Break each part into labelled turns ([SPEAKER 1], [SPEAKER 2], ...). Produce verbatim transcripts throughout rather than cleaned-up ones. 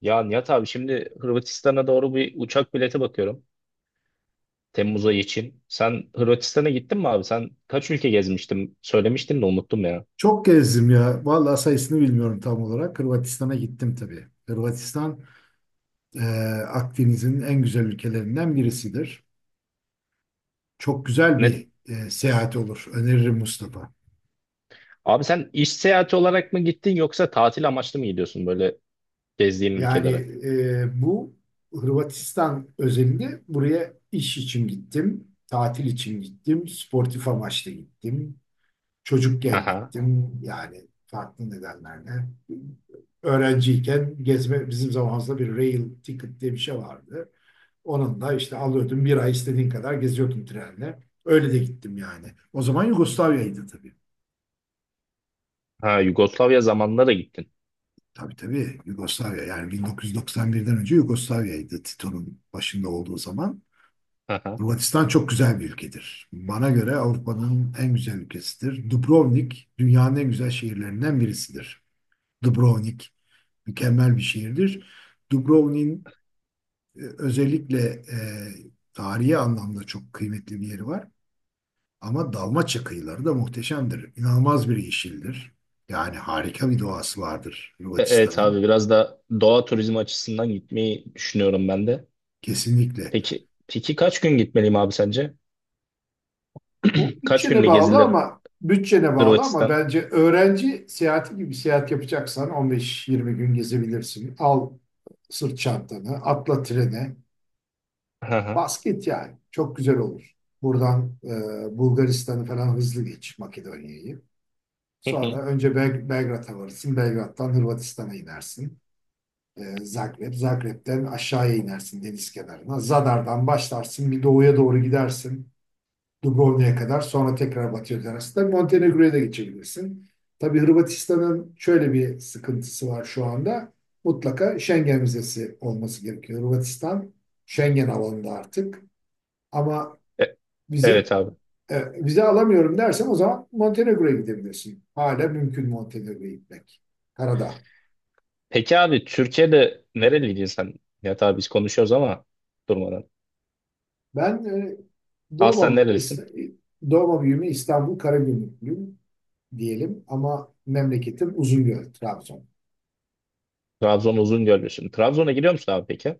[SPEAKER 1] Ya Nihat abi şimdi Hırvatistan'a doğru bir uçak bileti bakıyorum. Temmuz ayı için. Sen Hırvatistan'a gittin mi abi? Sen kaç ülke gezmiştin? Söylemiştin de unuttum ya.
[SPEAKER 2] Çok gezdim ya. Vallahi sayısını bilmiyorum tam olarak. Hırvatistan'a gittim tabii. Hırvatistan e, Akdeniz'in en güzel ülkelerinden birisidir. Çok güzel
[SPEAKER 1] Net.
[SPEAKER 2] bir e, seyahat olur. Öneririm Mustafa.
[SPEAKER 1] Abi sen iş seyahati olarak mı gittin yoksa tatil amaçlı mı gidiyorsun böyle gezdiğin
[SPEAKER 2] Yani
[SPEAKER 1] ülkelere?
[SPEAKER 2] e, bu Hırvatistan özelinde buraya iş için gittim, tatil için gittim, sportif amaçla gittim. Çocukken
[SPEAKER 1] Aha.
[SPEAKER 2] gittim yani farklı nedenlerle. Öğrenciyken gezme bizim zamanımızda bir rail ticket diye bir şey vardı. Onun da işte alıyordum bir ay istediğin kadar geziyordum trenle. Öyle de gittim yani. O zaman Yugoslavya'ydı tabii.
[SPEAKER 1] Ha, Yugoslavya zamanında da gittin.
[SPEAKER 2] Tabii tabii Yugoslavya yani bin dokuz yüz doksan birden önce Yugoslavya'ydı Tito'nun başında olduğu zaman.
[SPEAKER 1] Aha.
[SPEAKER 2] Hırvatistan çok güzel bir ülkedir. Bana göre Avrupa'nın en güzel ülkesidir. Dubrovnik dünyanın en güzel şehirlerinden birisidir. Dubrovnik mükemmel bir şiirdir. Dubrovnik'in e, özellikle e, tarihi anlamda çok kıymetli bir yeri var. Ama Dalmaçya kıyıları da muhteşemdir. İnanılmaz bir yeşildir. Yani harika bir doğası vardır
[SPEAKER 1] E- evet
[SPEAKER 2] Hırvatistan'ın.
[SPEAKER 1] abi, biraz da doğa turizmi açısından gitmeyi düşünüyorum ben de.
[SPEAKER 2] Kesinlikle.
[SPEAKER 1] Peki peki kaç gün gitmeliyim abi sence?
[SPEAKER 2] Bu
[SPEAKER 1] Kaç
[SPEAKER 2] bütçene
[SPEAKER 1] günlük
[SPEAKER 2] bağlı
[SPEAKER 1] gezilir
[SPEAKER 2] ama bütçene bağlı ama
[SPEAKER 1] Hırvatistan?
[SPEAKER 2] bence öğrenci seyahati gibi seyahat yapacaksan on beş yirmi gün gezebilirsin. Al sırt çantanı, atla trene.
[SPEAKER 1] Aha.
[SPEAKER 2] Basket yani. Çok güzel olur. Buradan e, Bulgaristan'ı falan hızlı geç Makedonya'yı.
[SPEAKER 1] Hı
[SPEAKER 2] Sonra
[SPEAKER 1] hı.
[SPEAKER 2] önce Bel Belgrad'a varırsın. Belgrad'dan Hırvatistan'a inersin. E, Zagreb. Zagreb'den aşağıya inersin deniz kenarına. Zadar'dan başlarsın. Bir doğuya doğru gidersin. Dubrovnik'e kadar. Sonra tekrar batıya dönersin. Tabii Montenegro'ya da geçebilirsin. Tabii Hırvatistan'ın şöyle bir sıkıntısı var şu anda. Mutlaka Schengen vizesi olması gerekiyor. Hırvatistan Schengen alanında artık. Ama
[SPEAKER 1] E-
[SPEAKER 2] vize
[SPEAKER 1] evet abi.
[SPEAKER 2] e, vize alamıyorum dersem o zaman Montenegro'ya gidebilirsin. Hala mümkün Montenegro'ya gitmek. Karada.
[SPEAKER 1] Peki abi, Türkiye'de nereliydin sen? Ya tabii biz konuşuyoruz ama durmadan.
[SPEAKER 2] Ben e,
[SPEAKER 1] Aslen
[SPEAKER 2] doğma büyüme,
[SPEAKER 1] nerelisin?
[SPEAKER 2] İsta- Doğma büyüme İstanbul Karagümrüklüyüm diyelim ama memleketim Uzungöl, Trabzon.
[SPEAKER 1] Trabzon Uzungöllüsün. Trabzon'a gidiyor musun abi peki?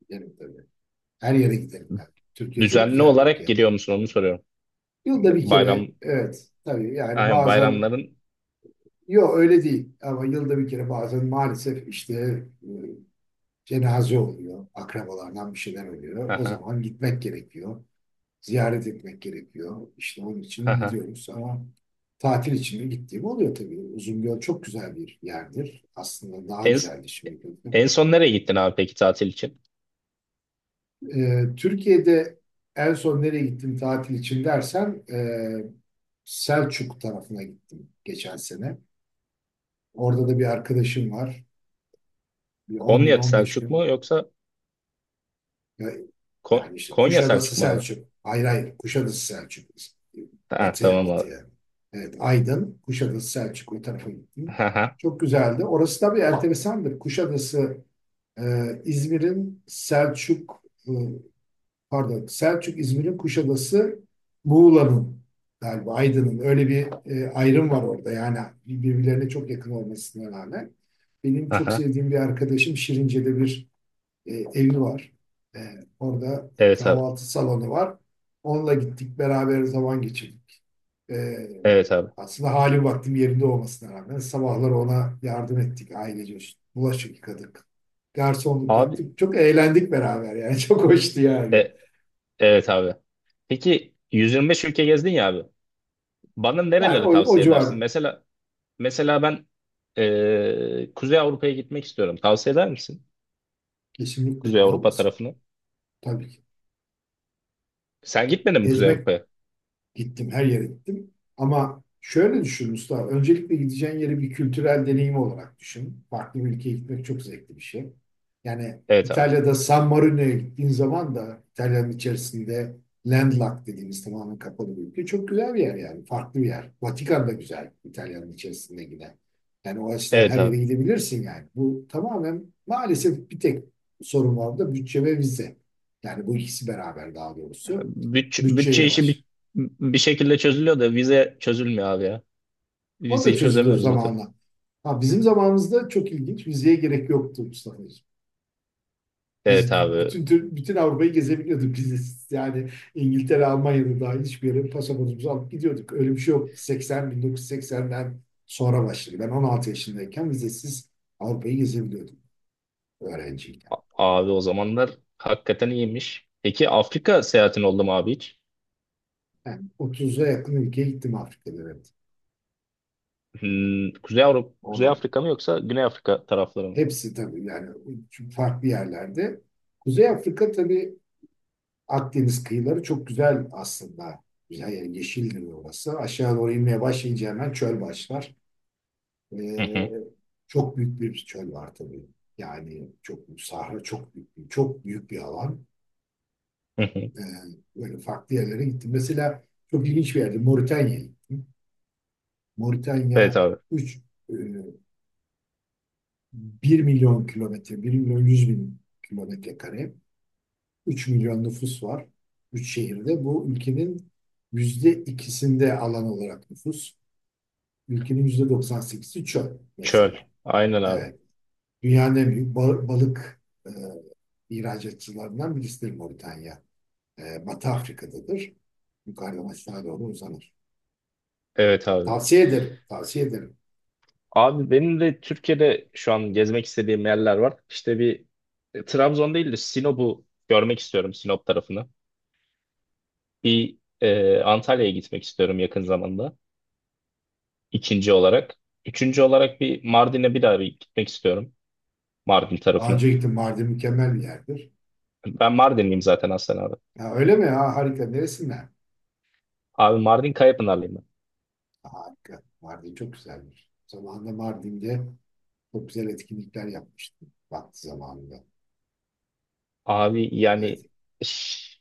[SPEAKER 2] Giderim tabii. Her yere giderim ben. Türkiye çok
[SPEAKER 1] Düzenli
[SPEAKER 2] güzel bir
[SPEAKER 1] olarak
[SPEAKER 2] ülke.
[SPEAKER 1] gidiyor musun, onu soruyorum.
[SPEAKER 2] Yılda bir kere
[SPEAKER 1] Bayram,
[SPEAKER 2] evet tabii yani
[SPEAKER 1] aynen,
[SPEAKER 2] bazen
[SPEAKER 1] bayramların.
[SPEAKER 2] yok öyle değil ama yılda bir kere bazen maalesef işte e, cenaze oluyor, akrabalardan bir şeyler oluyor. O
[SPEAKER 1] Aha,
[SPEAKER 2] zaman gitmek gerekiyor, ziyaret etmek gerekiyor. İşte onun için
[SPEAKER 1] aha.
[SPEAKER 2] gidiyoruz ama tatil için de gittiğim oluyor tabii. Uzungöl çok güzel bir yerdir. Aslında daha
[SPEAKER 1] En,
[SPEAKER 2] güzeldi şimdi. Gördüm.
[SPEAKER 1] en son nereye gittin abi peki tatil için?
[SPEAKER 2] Ee, Türkiye'de en son nereye gittim tatil için dersen e, Selçuk tarafına gittim geçen sene. Orada da bir arkadaşım var. Bir on gün
[SPEAKER 1] Konya
[SPEAKER 2] on beş
[SPEAKER 1] Selçuk
[SPEAKER 2] gün
[SPEAKER 1] mu yoksa
[SPEAKER 2] Ya- yani
[SPEAKER 1] Ko-
[SPEAKER 2] işte
[SPEAKER 1] Konya
[SPEAKER 2] Kuşadası
[SPEAKER 1] Selçuk mu abi?
[SPEAKER 2] Selçuk. Hayır hayır Kuşadası Selçuk.
[SPEAKER 1] Ha,
[SPEAKER 2] Batıya
[SPEAKER 1] tamam abi.
[SPEAKER 2] batıya. Evet Aydın, Kuşadası Selçuk o tarafa gittim.
[SPEAKER 1] Aha,
[SPEAKER 2] Çok güzeldi. Orası tabii enteresandır. Kuşadası e, İzmir'in Selçuk e, pardon Selçuk İzmir'in Kuşadası Muğla'nın galiba Aydın'ın öyle bir e, ayrım var orada. Yani birbirlerine çok yakın olmasına rağmen. Benim çok
[SPEAKER 1] aha.
[SPEAKER 2] sevdiğim bir arkadaşım Şirince'de bir e, evi var. E, Orada
[SPEAKER 1] Evet abi.
[SPEAKER 2] kahvaltı salonu var. Onunla gittik beraber zaman geçirdik. E,
[SPEAKER 1] Evet abi.
[SPEAKER 2] Aslında hali vaktim yerinde olmasına rağmen sabahları ona yardım ettik ailece. Bulaşık yıkadık. Garsonluk
[SPEAKER 1] Abi,
[SPEAKER 2] yaptık. Çok eğlendik beraber yani. Çok hoştu yani.
[SPEAKER 1] e- evet abi. Peki yüz yirmi beş ülke gezdin ya abi. Bana
[SPEAKER 2] Yani
[SPEAKER 1] nereleri
[SPEAKER 2] o, o
[SPEAKER 1] tavsiye edersin?
[SPEAKER 2] civar
[SPEAKER 1] Mesela mesela ben eee, Kuzey Avrupa'ya gitmek istiyorum. Tavsiye eder misin?
[SPEAKER 2] kesinlikle
[SPEAKER 1] Kuzey
[SPEAKER 2] New York.
[SPEAKER 1] Avrupa tarafını.
[SPEAKER 2] Tabii ki.
[SPEAKER 1] Sen gitmedin mi Kuzey
[SPEAKER 2] Gezmek
[SPEAKER 1] Avrupa'ya?
[SPEAKER 2] Gittim, her yere gittim. Ama şöyle düşün Mustafa, öncelikle gideceğin yeri bir kültürel deneyim olarak düşün. Farklı bir ülkeye gitmek çok zevkli bir şey. Yani
[SPEAKER 1] Evet abi.
[SPEAKER 2] İtalya'da San Marino'ya gittiğin zaman da İtalya'nın içerisinde landlocked dediğimiz tamamen kapalı bir ülke. Çok güzel bir yer yani, farklı bir yer. Vatikan da güzel İtalya'nın içerisinde yine. Yani o açıdan
[SPEAKER 1] Evet
[SPEAKER 2] her yere
[SPEAKER 1] abi.
[SPEAKER 2] gidebilirsin yani. Bu tamamen maalesef bir tek sorun var da bütçe ve vize. Yani bu ikisi beraber daha doğrusu
[SPEAKER 1] Bütçe, bütçe
[SPEAKER 2] bütçeyle
[SPEAKER 1] işi bir,
[SPEAKER 2] baş.
[SPEAKER 1] bir şekilde çözülüyor da vize çözülmüyor abi ya.
[SPEAKER 2] O da
[SPEAKER 1] Vizeyi
[SPEAKER 2] çözülür
[SPEAKER 1] çözemiyoruz bir türlü.
[SPEAKER 2] zamanla. Ha, bizim zamanımızda çok ilginç. Vizeye gerek yoktu Mustafa'cığım.
[SPEAKER 1] Evet
[SPEAKER 2] Biz
[SPEAKER 1] abi.
[SPEAKER 2] bütün bütün Avrupa'yı gezebiliyorduk biz. Yani İngiltere, Almanya'da dahil hiçbir yere pasaportumuzu alıp gidiyorduk. Öyle bir şey yok. seksen bin dokuz yüz seksenden sonra başladı. Ben on altı yaşındayken vizesiz Avrupa'yı gezebiliyordum öğrenciyken.
[SPEAKER 1] Abi o zamanlar hakikaten iyiymiş. Peki Afrika seyahatin oldu mu abi hiç?
[SPEAKER 2] Yani otuza yakın ülkeye gittim Afrika'da evet.
[SPEAKER 1] Hmm, Kuzey Avrupa, Kuzey
[SPEAKER 2] Orada.
[SPEAKER 1] Afrika mı yoksa Güney Afrika tarafları mı?
[SPEAKER 2] Hepsi tabii yani farklı yerlerde. Kuzey Afrika tabii Akdeniz kıyıları çok güzel aslında. Güzel yani yeşildir orası. Aşağı doğru inmeye başlayınca hemen çöl başlar.
[SPEAKER 1] Hı
[SPEAKER 2] Ee,
[SPEAKER 1] hı,
[SPEAKER 2] çok büyük bir çöl var tabii. Yani çok büyük sahra, çok büyük bir, çok büyük bir alan.
[SPEAKER 1] hı hı.
[SPEAKER 2] Ee, böyle farklı yerlere gittim. Mesela çok ilginç bir yerde Moritanya'ya gittim.
[SPEAKER 1] Evet
[SPEAKER 2] Moritanya
[SPEAKER 1] abi.
[SPEAKER 2] üç bir milyon kilometre, bir milyon yüz bin kilometre kare. üç milyon nüfus var. üç şehirde. Bu ülkenin yüzde ikisinde alan olarak nüfus. Ülkenin yüzde doksan sekizi çöl
[SPEAKER 1] Çöl.
[SPEAKER 2] mesela.
[SPEAKER 1] Aynen abi.
[SPEAKER 2] Evet. Dünyanın en büyük ba- balık e, ihracatçılarından birisidir Moritanya. E, Batı Afrika'dadır. Yukarıdan aşağı doğru uzanır.
[SPEAKER 1] Evet abi.
[SPEAKER 2] Tavsiye ederim. Tavsiye ederim.
[SPEAKER 1] Abi benim de Türkiye'de şu an gezmek istediğim yerler var. İşte bir e, Trabzon değil de Sinop'u görmek istiyorum, Sinop tarafını. Bir e, Antalya'ya gitmek istiyorum yakın zamanda. İkinci olarak. Üçüncü olarak bir Mardin'e bir daha bir gitmek istiyorum. Mardin
[SPEAKER 2] Daha
[SPEAKER 1] tarafına.
[SPEAKER 2] önce gittim. Mardin mükemmel bir yerdir.
[SPEAKER 1] Ben Mardinliyim zaten aslen abi.
[SPEAKER 2] Ha, öyle mi? Ha, harika. Neresinden?
[SPEAKER 1] Abi, Mardin Kayapınarlıyım ben.
[SPEAKER 2] Harika. Mardin çok güzelmiş. Zamanında Mardin'de çok güzel etkinlikler yapmıştım. Vakti zamanında.
[SPEAKER 1] Abi yani
[SPEAKER 2] Evet.
[SPEAKER 1] ş-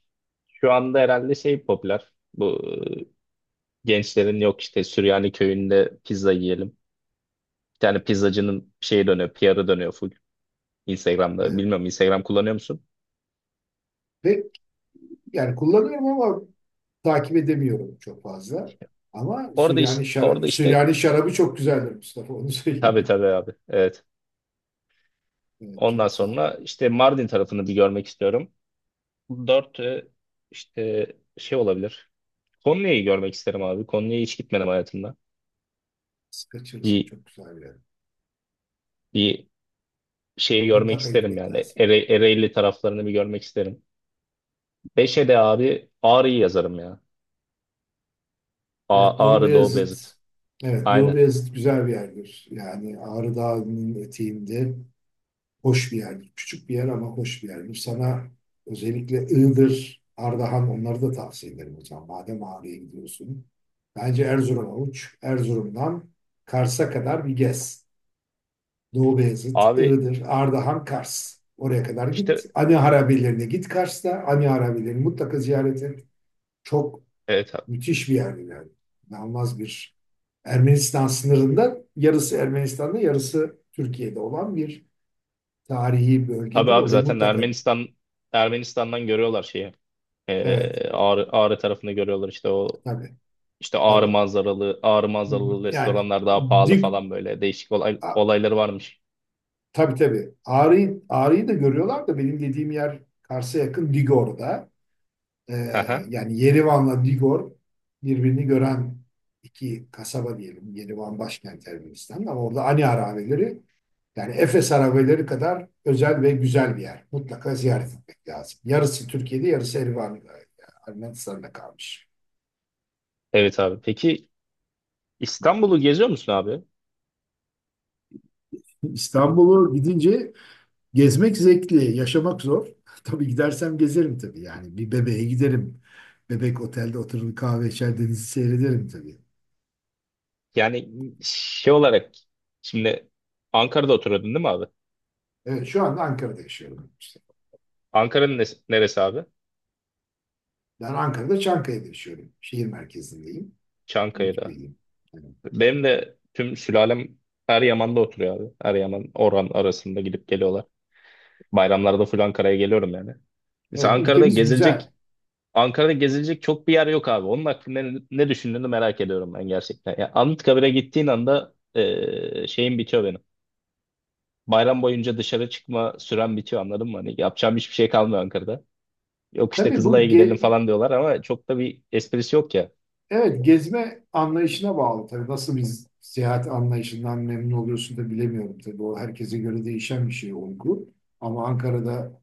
[SPEAKER 1] şu anda herhalde şey popüler. Bu e, gençlerin yok işte, Süryani köyünde pizza yiyelim. Bir tane pizzacının şeye dönüyor, P R'ı dönüyor full Instagram'da.
[SPEAKER 2] Evet.
[SPEAKER 1] Bilmiyorum, Instagram kullanıyor musun?
[SPEAKER 2] Ve yani kullanıyorum ama takip edemiyorum çok fazla. Ama
[SPEAKER 1] Orada
[SPEAKER 2] Süryani,
[SPEAKER 1] işte,
[SPEAKER 2] şara-
[SPEAKER 1] orada işte
[SPEAKER 2] Süryani şarabı çok güzeldir Mustafa. Onu
[SPEAKER 1] tabii,
[SPEAKER 2] söyleyeyim.
[SPEAKER 1] tabii abi. Evet.
[SPEAKER 2] Evet,
[SPEAKER 1] Ondan
[SPEAKER 2] çok güzeldir.
[SPEAKER 1] sonra işte Mardin tarafını bir görmek istiyorum. Dört e, işte şey olabilir. Konya'yı görmek isterim abi. Konya'ya hiç gitmedim hayatımda.
[SPEAKER 2] Siz kaçırırsın.
[SPEAKER 1] Bir
[SPEAKER 2] Çok güzel bir yer.
[SPEAKER 1] bir şeyi görmek
[SPEAKER 2] Mutlaka
[SPEAKER 1] isterim
[SPEAKER 2] gitmek
[SPEAKER 1] yani.
[SPEAKER 2] lazım.
[SPEAKER 1] Ere, Ereğli taraflarını bir görmek isterim. Beşe de abi, Ağrı'yı yazarım ya. A,
[SPEAKER 2] Evet. Doğu
[SPEAKER 1] Ağrı Doğu
[SPEAKER 2] Beyazıt.
[SPEAKER 1] Beyazıt.
[SPEAKER 2] Evet. Doğu
[SPEAKER 1] Aynen.
[SPEAKER 2] Beyazıt güzel bir yerdir. Yani Ağrı Dağı'nın eteğinde. Hoş bir yerdir. Küçük bir yer ama hoş bir yerdir. Sana özellikle Iğdır, Ardahan onları da tavsiye ederim hocam. Madem Ağrı'ya gidiyorsun. Bence Erzurum'a uç. Erzurum'dan Kars'a kadar bir gez. Doğu Beyazıt,
[SPEAKER 1] Abi
[SPEAKER 2] Iğdır, Ardahan, Kars. Oraya kadar git.
[SPEAKER 1] işte
[SPEAKER 2] Ani Harabelerine git Kars'ta. Ani Harabelerini mutlaka ziyaret et. Çok
[SPEAKER 1] evet.
[SPEAKER 2] müthiş bir yer yani. İnanılmaz bir Ermenistan sınırında yarısı Ermenistan'da yarısı Türkiye'de olan bir tarihi
[SPEAKER 1] Tabii
[SPEAKER 2] bölgedir.
[SPEAKER 1] abi
[SPEAKER 2] Orayı
[SPEAKER 1] zaten
[SPEAKER 2] mutlaka.
[SPEAKER 1] Ermenistan Ermenistan'dan görüyorlar şeyi. Ee,
[SPEAKER 2] Evet, evet,
[SPEAKER 1] Ağrı, Ağrı tarafında görüyorlar işte o,
[SPEAKER 2] tabii,
[SPEAKER 1] işte Ağrı
[SPEAKER 2] tabii.
[SPEAKER 1] manzaralı Ağrı manzaralı
[SPEAKER 2] Yani
[SPEAKER 1] restoranlar daha pahalı
[SPEAKER 2] dik,
[SPEAKER 1] falan, böyle değişik olay,
[SPEAKER 2] a,
[SPEAKER 1] olayları varmış.
[SPEAKER 2] tabii tabii. Ağrı'yı, Ağrı'yı da görüyorlar da benim dediğim yer Kars'a yakın Digor'da. Ee,
[SPEAKER 1] Haha.
[SPEAKER 2] yani Yerivan'la Digor birbirini gören iki kasaba diyelim. Yerivan başkent Ermenistan ama orada Ani Harabeleri yani Efes Harabeleri kadar özel ve güzel bir yer. Mutlaka ziyaret etmek lazım. Yarısı Türkiye'de, yarısı Erivan, Ermenistan'da kalmış.
[SPEAKER 1] Evet abi. Peki İstanbul'u geziyor musun abi?
[SPEAKER 2] İstanbul'u gidince gezmek zevkli, yaşamak zor. Tabii gidersem gezerim tabii. Yani bir bebeğe giderim. Bebek otelde oturur kahve içer denizi seyrederim tabii.
[SPEAKER 1] Yani şey olarak şimdi Ankara'da oturuyordun değil mi abi?
[SPEAKER 2] Evet, şu anda Ankara'da yaşıyorum işte.
[SPEAKER 1] Ankara'nın nes- neresi abi?
[SPEAKER 2] Ben Ankara'da Çankaya'da yaşıyorum. Şehir merkezindeyim.
[SPEAKER 1] Çankaya'da.
[SPEAKER 2] Ümitköy'deyim. Evet.
[SPEAKER 1] Benim de tüm sülalem Eryaman'da oturuyor abi. Eryaman, Orhan arasında gidip geliyorlar. Bayramlarda full Ankara'ya geliyorum yani. Mesela
[SPEAKER 2] Evet,
[SPEAKER 1] Ankara'da
[SPEAKER 2] ülkemiz güzel.
[SPEAKER 1] gezilecek Ankara'da gezilecek çok bir yer yok abi. Onun hakkında ne, ne düşündüğünü merak ediyorum ben gerçekten. Ya Anıtkabir'e gittiğin anda e, şeyim bitiyor benim. Bayram boyunca dışarı çıkma süren bitiyor, anladın mı? Hani yapacağım hiçbir şey kalmıyor Ankara'da. Yok işte,
[SPEAKER 2] Tabii
[SPEAKER 1] Kızılay'a
[SPEAKER 2] bu
[SPEAKER 1] gidelim
[SPEAKER 2] ge-
[SPEAKER 1] falan diyorlar ama çok da bir esprisi yok ya.
[SPEAKER 2] evet gezme anlayışına bağlı. Tabii nasıl bir seyahat anlayışından memnun oluyorsun da bilemiyorum. Tabii o herkese göre değişen bir şey olgu. Ama Ankara'da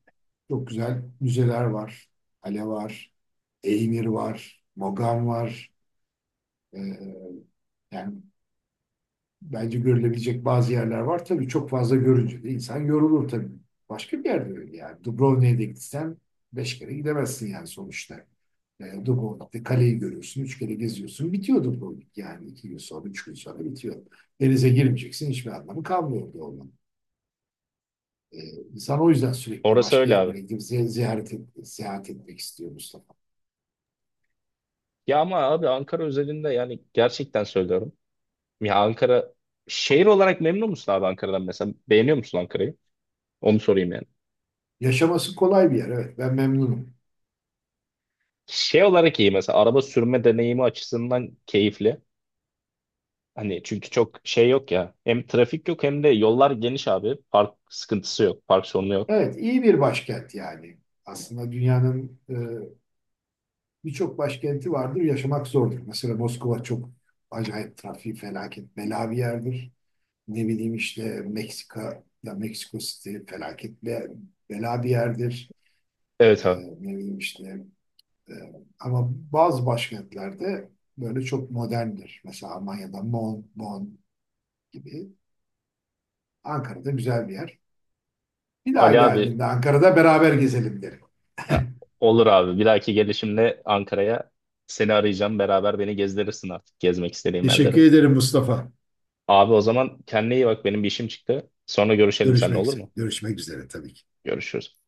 [SPEAKER 2] çok güzel müzeler var. Kale var. Eymir var. Mogan var. Ee, yani bence görülebilecek bazı yerler var. Tabii çok fazla görünce de insan yorulur tabii. Başka bir yerde öyle yani. Dubrovnik'e de gitsen beş kere gidemezsin yani sonuçta. E, Dubrovnik'te kaleyi görüyorsun, üç kere geziyorsun. Bitiyor Dubrovnik yani iki gün sonra, üç gün sonra bitiyor. Denize girmeyeceksin, hiçbir anlamı kalmıyor orada olmanın. E, insan o yüzden sürekli
[SPEAKER 1] Orası
[SPEAKER 2] başka
[SPEAKER 1] öyle abi.
[SPEAKER 2] yerlere gidip ze- ziyaret et, seyahat etmek istiyor Mustafa.
[SPEAKER 1] Ya ama abi, Ankara özelinde yani, gerçekten söylüyorum. Ya Ankara şehir olarak memnun musun abi, Ankara'dan mesela? Beğeniyor musun Ankara'yı? Onu sorayım yani.
[SPEAKER 2] Yaşaması kolay bir yer. Evet, ben memnunum.
[SPEAKER 1] Şey olarak iyi mesela, araba sürme deneyimi açısından keyifli. Hani çünkü çok şey yok ya. Hem trafik yok, hem de yollar geniş abi. Park sıkıntısı yok. Park sorunu yok.
[SPEAKER 2] Evet, iyi bir başkent yani. Aslında dünyanın e, birçok başkenti vardır, yaşamak zordur. Mesela Moskova çok acayip trafiği felaket bela bir yerdir. Ne bileyim işte Meksika ya Meksiko City felaket be- bela bir yerdir. E,
[SPEAKER 1] Evet abi.
[SPEAKER 2] Ne bileyim işte e, ama bazı başkentlerde böyle çok moderndir. Mesela Almanya'da Bonn, Bonn gibi. Ankara'da güzel bir yer. Bir daha
[SPEAKER 1] Ali abi
[SPEAKER 2] geldiğinde Ankara'da beraber gezelim derim.
[SPEAKER 1] ya, olur abi. Bir dahaki gelişimde Ankara'ya seni arayacağım. Beraber beni gezdirirsin artık gezmek istediğim
[SPEAKER 2] Teşekkür
[SPEAKER 1] yerleri.
[SPEAKER 2] ederim Mustafa.
[SPEAKER 1] Abi o zaman kendine iyi bak. Benim bir işim çıktı. Sonra görüşelim seninle,
[SPEAKER 2] Görüşmek
[SPEAKER 1] olur
[SPEAKER 2] üzere.
[SPEAKER 1] mu?
[SPEAKER 2] Görüşmek üzere tabii ki.
[SPEAKER 1] Görüşürüz.